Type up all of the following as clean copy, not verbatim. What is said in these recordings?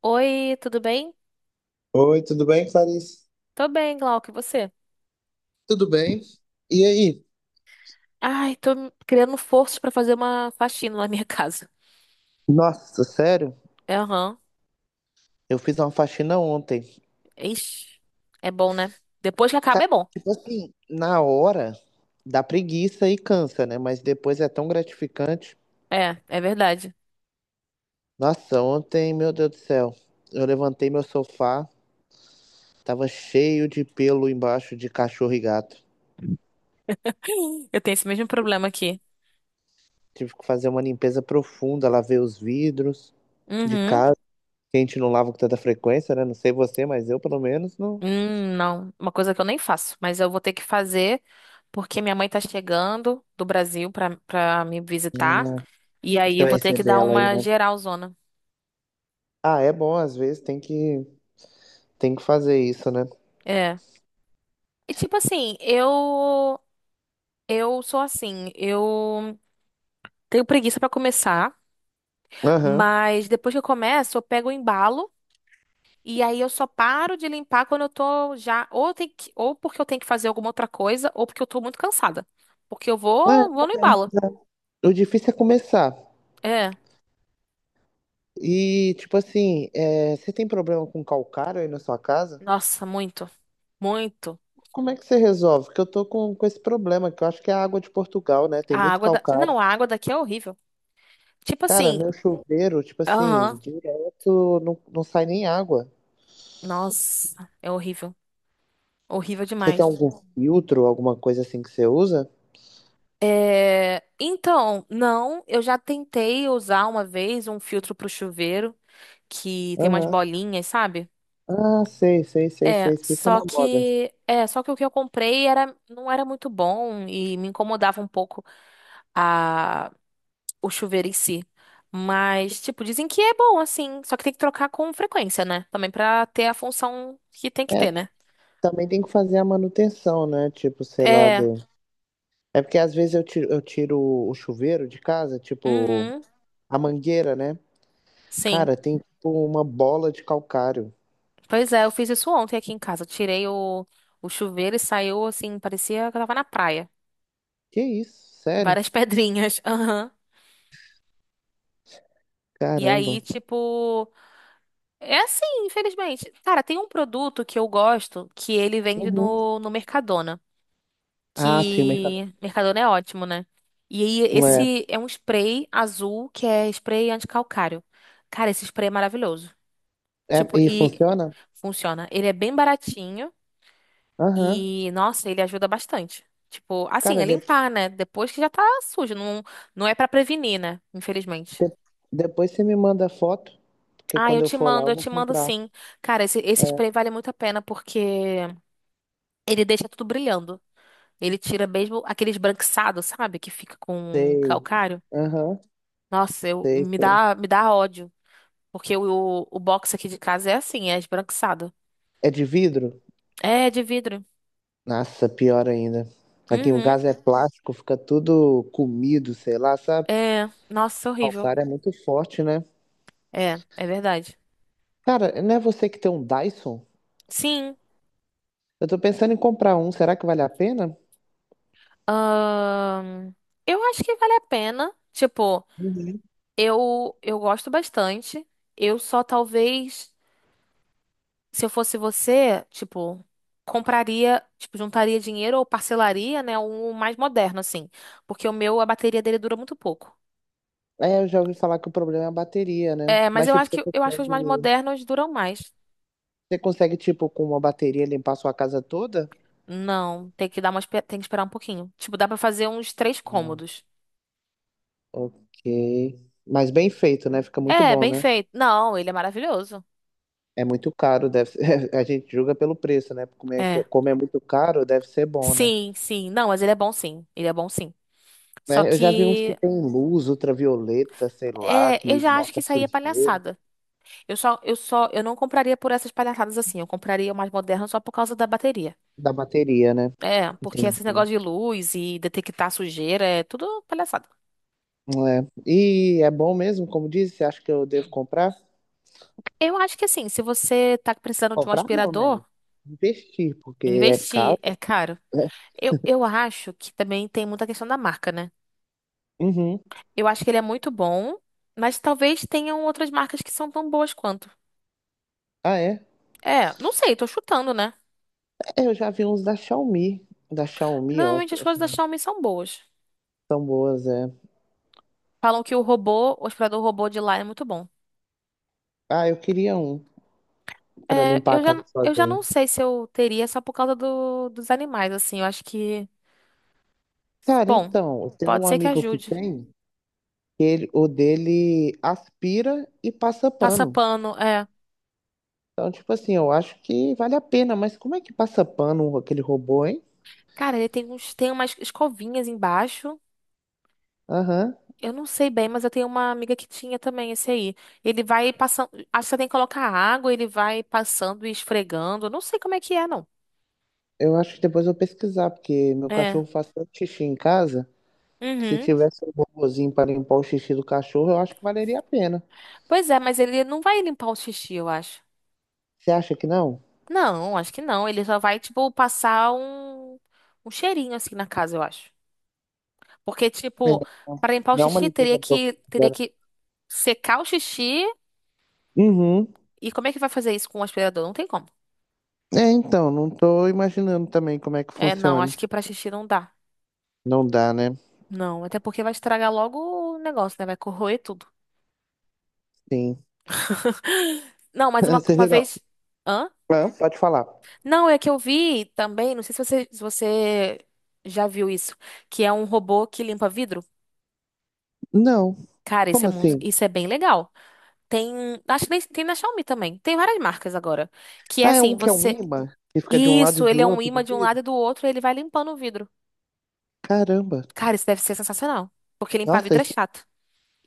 Oi, tudo bem? Oi, tudo bem, Clarice? Tô bem, Glauco, e você? Tudo bem? E aí? Ai, tô criando forças pra fazer uma faxina na minha casa. Nossa, sério? É, aham. Eu fiz uma faxina ontem. Ixi, é bom, né? Depois que acaba Cara, é bom. tipo assim, na hora dá preguiça e cansa, né? Mas depois é tão gratificante. É, é verdade. Nossa, ontem, meu Deus do céu, eu levantei meu sofá, tava cheio de pelo embaixo de cachorro e gato. Eu tenho esse mesmo problema aqui. Tive que fazer uma limpeza profunda, lavei os vidros de Uhum. casa, que a gente não lava com tanta frequência, né? Não sei você, mas eu pelo menos não. Não, uma coisa que eu nem faço, mas eu vou ter que fazer porque minha mãe tá chegando do Brasil pra me visitar. Hum. E aí Você eu vai vou ter que receber dar ela aí, uma né? geralzona. Ah, é bom, às vezes tem que fazer isso, né? É. E tipo assim, eu sou assim, eu tenho preguiça pra começar, Aham. mas depois que eu começo, eu pego o embalo e aí eu só paro de limpar quando eu tô já ou tem que, ou porque eu tenho que fazer alguma outra coisa ou porque eu tô muito cansada. Porque eu É, vou no também, embalo. é. O difícil é começar. É. E, tipo assim, é, você tem problema com calcário aí na sua casa? Nossa, muito. Muito. Como é que você resolve? Porque eu tô com esse problema, que eu acho que é a água de Portugal, né? A Tem muito água da... calcário. Não, a água daqui é horrível. Tipo Cara, assim, meu chuveiro, tipo assim, aham. direto não sai nem água. Nossa, é horrível. Horrível Você tem demais. algum filtro, alguma coisa assim que você usa? É, então, não, eu já tentei usar uma vez um filtro pro chuveiro que tem umas Aham. bolinhas, sabe? Ah, sei, sei, sei, É, sei. Isso tá só na moda. que é, só que o que eu comprei era não era muito bom e me incomodava um pouco a o chuveiro em si. Mas, tipo, dizem que é bom assim, só que tem que trocar com frequência, né? Também pra ter a função que tem que É. ter, né? Também tem que fazer a manutenção, né? Tipo, sei lá, É. do... É porque às vezes eu tiro o chuveiro de casa, tipo, Uhum. a mangueira, né? Sim. Cara, tem tipo uma bola de calcário. Pois é, eu fiz isso ontem aqui em casa. Eu tirei o chuveiro e saiu assim, parecia que eu tava na praia. Que isso? Sério? Várias pedrinhas. Aham. E Caramba. aí, tipo, é assim, infelizmente. Cara, tem um produto que eu gosto que ele vende Uhum. no Mercadona. Ah, sim, o mercado. Que Mercadona é ótimo, né? E aí, É. esse é um spray azul que é spray anticalcário. Cara, esse spray é maravilhoso. É, Tipo, e e funciona? funciona. Ele é bem baratinho Aham. e, nossa, ele ajuda bastante. Tipo, assim, Cara, é limpar, né? Depois que já tá sujo. Não, não é pra prevenir, né? Infelizmente. de- depois você me manda foto, porque Ah, quando eu for lá eu eu vou te mando comprar. sim. Cara, esse É, spray vale muito a pena porque. Ele deixa tudo brilhando. Ele tira mesmo aquele esbranquiçado, sabe? Que fica com sei. calcário. Aham, Nossa, eu, sei, me sei. dá, me dá ódio. Porque o box aqui de casa é assim, é esbranquiçado. É de vidro? É, de vidro. Nossa, pior ainda. Aqui em Uhum. casa é plástico, fica tudo comido, sei lá, sabe? É, nossa, Ah, o horrível. cara é muito forte, né? É, é verdade. Cara, não é você que tem um Dyson? Sim. Eu tô pensando em comprar um, será que vale a pena? Ahn, eu acho que vale a pena. Tipo, Uhum. eu gosto bastante. Eu só talvez. Se eu fosse você, tipo, compraria, tipo, juntaria dinheiro ou parcelaria, né, um mais moderno assim, porque o meu a bateria dele dura muito pouco. É, eu já ouvi falar que o problema é a bateria, né? É, mas Mas, eu tipo, acho que eu acho que os mais modernos duram mais. você consegue, tipo, com uma bateria limpar a sua casa toda? Não, tem que dar uma, tem que esperar um pouquinho. Tipo, dá pra fazer uns três Não. cômodos. Ok. Mas bem feito, né? Fica muito É, bom, bem né? feito. Não, ele é maravilhoso. É muito caro, deve ser... A gente julga pelo preço, né? Como é, É. como é muito caro, deve ser bom, né? Sim, sim. Não, mas ele é bom sim. Ele é bom sim. Só Né? Eu já vi uns que que tem luz ultravioleta, sei lá, é, eu que já acho que mostra isso aí é sujeira palhaçada. Eu não compraria por essas palhaçadas assim. Eu compraria mais moderna só por causa da bateria. da bateria, né? É, porque esses Entendi. negócios de luz e detectar sujeira é tudo palhaçada. É. E é bom mesmo, como disse, você acha que eu devo comprar? Eu acho que assim, se você tá precisando de um Comprar não, né? aspirador, Investir, porque é investir caro. é caro. Eu acho que também tem muita questão da marca, né? Uhum. Eu acho que ele é muito bom, mas talvez tenham outras marcas que são tão boas quanto. Ah, é? É, não sei, tô chutando, né? É, eu já vi uns da Xiaomi. Da Xiaomi, ó. Normalmente as Acho coisas da que Xiaomi são boas. elas é. Falam que o robô, o aspirador robô de lá é muito bom. Ah, eu queria um pra É, limpar a eu casa já, eu já sozinho. não sei se eu teria só por causa do, dos animais, assim. Eu acho que. Cara, Bom, então, eu tenho pode um ser que amigo que ajude. tem, que ele, o dele aspira e passa Passa pano. pano, é. Então, tipo assim, eu acho que vale a pena, mas como é que passa pano aquele robô, hein? Cara, tem umas escovinhas embaixo. Aham. Eu não sei bem, mas eu tenho uma amiga que tinha também esse aí. Ele vai passando. Acho que você tem que colocar água, ele vai passando e esfregando. Eu não sei como é que é, não. Eu acho que depois eu vou pesquisar, porque meu É. cachorro faz tanto xixi em casa que se Uhum. tivesse um robôzinho para limpar o xixi do cachorro, eu acho que valeria a pena. Pois é, mas ele não vai limpar o xixi, eu acho. Você acha que não? Não, acho que não. Ele só vai, tipo, passar um, um cheirinho assim na casa, eu acho. Porque, É, tipo, então, para limpar o dá uma xixi, teria limpeza que, teria profunda, né? que secar o xixi. Uhum. E como é que vai fazer isso com o aspirador? Não tem como. É, então, não tô imaginando também como é que É, não, funciona. acho que pra xixi não dá. Não dá, né? Não, até porque vai estragar logo o negócio, né? Vai corroer tudo. Sim. Não, mas uma, Você uma geral. vez. Hã? Ah, pode falar. Não, é que eu vi também, não sei se você já viu isso, que é um robô que limpa vidro. Não. Cara, Como assim? isso é bem legal. Tem, acho que tem na Xiaomi também. Tem várias marcas agora. Que é Ah, é um assim, que é um você ímã que fica de um lado e isso, de ele é um outro ímã do de um vidro? lado e do outro, e ele vai limpando o vidro. Caramba. Cara, isso deve ser sensacional. Porque limpar Nossa, vidro é chato.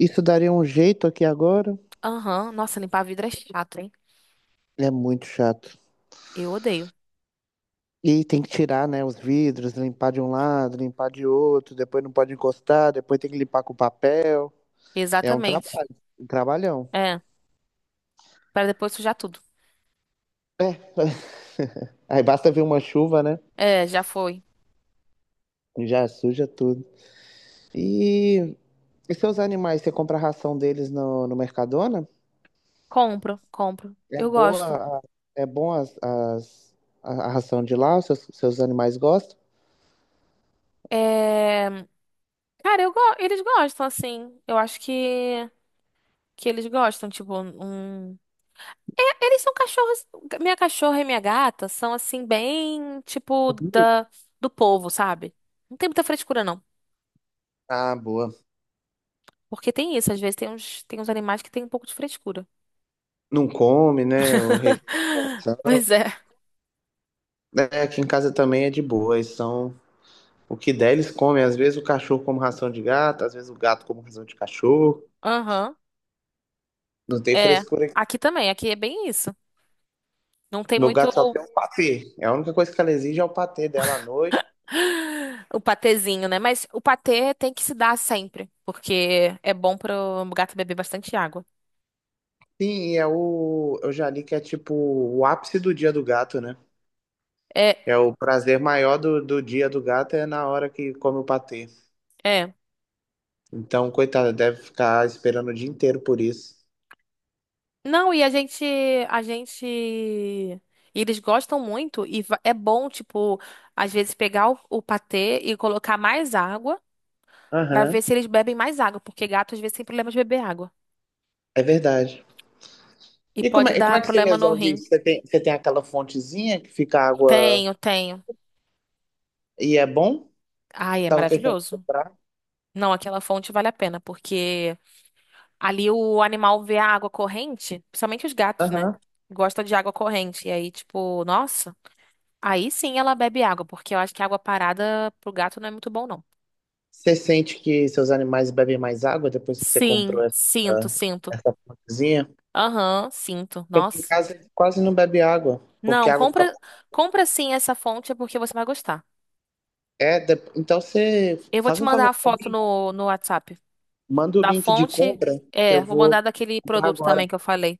isso daria um jeito aqui agora. Aham, nossa, limpar vidro é chato, hein? É muito chato. Eu odeio. E tem que tirar, né, os vidros, limpar de um lado, limpar de outro, depois não pode encostar, depois tem que limpar com papel. É um Exatamente. Um trabalhão. É, para depois sujar tudo. É, aí basta vir uma chuva, né? É, já foi. E já suja tudo. E, e seus animais, você compra a ração deles no Mercadona? Compro, compro. É Eu boa, gosto. É bom a ração de lá, os seus animais gostam? É... Cara, eu go... eles gostam, assim. Eu acho que eles gostam, tipo, um... É, eles são cachorros... Minha cachorra e minha gata são, assim, bem, tipo, da... do povo, sabe? Não tem muita frescura, não. Ah, boa. Porque tem isso, às vezes tem uns animais que tem um pouco de frescura. Não come, né? O rejeição. Pois é. É, aqui em casa também é de boa, eles são o que der, eles comem. Às vezes o cachorro como ração de gato, às vezes o gato como ração de cachorro. Aham. Não tem É. frescura aqui. Aqui também, aqui é bem isso. Não tem Meu muito gato só tem um patê. É a única coisa que ela exige é o patê dela à noite. o patezinho, né? Mas o patê tem que se dar sempre, porque é bom para o gato beber bastante água. Sim, e é o. Eu já li que é tipo o ápice do dia do gato, né? É, É o prazer maior do dia do gato é na hora que come o patê. é. Então, coitado deve ficar esperando o dia inteiro por isso. Não, e a gente e eles gostam muito e é bom, tipo, às vezes pegar o patê e colocar mais água pra Aham, ver se eles bebem mais água, porque gato às vezes tem problema de beber água. é verdade. E E pode e como dar é que você problema no resolve rim. isso? Você tem aquela fontezinha que fica água. Tenho, tenho. E é bom? Ai, é Tava pensando em maravilhoso. comprar. Não, aquela fonte vale a pena, porque ali o animal vê a água corrente, principalmente os gatos, né? Aham. Gosta de água corrente. E aí, tipo, nossa, aí sim ela bebe água, porque eu acho que água parada pro gato não é muito bom, não. Você sente que seus animais bebem mais água depois que você Sim, comprou sinto, sinto. essa plantazinha? Aham, sinto. Porque aqui em Nossa. casa ele quase não bebe água, porque Não, a água fica. Compra sim essa fonte é porque você vai gostar. É, então você Eu vou faz te um mandar favor a pra foto mim, no WhatsApp. manda o Da link de fonte? compra que É, eu vou vou mandar daquele comprar produto agora. também que eu falei.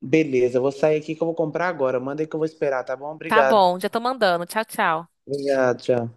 Beleza, eu vou sair aqui que eu vou comprar agora. Manda aí que eu vou esperar, tá bom? Tá Obrigado. bom, já tô mandando. Tchau, tchau. Obrigado, tchau.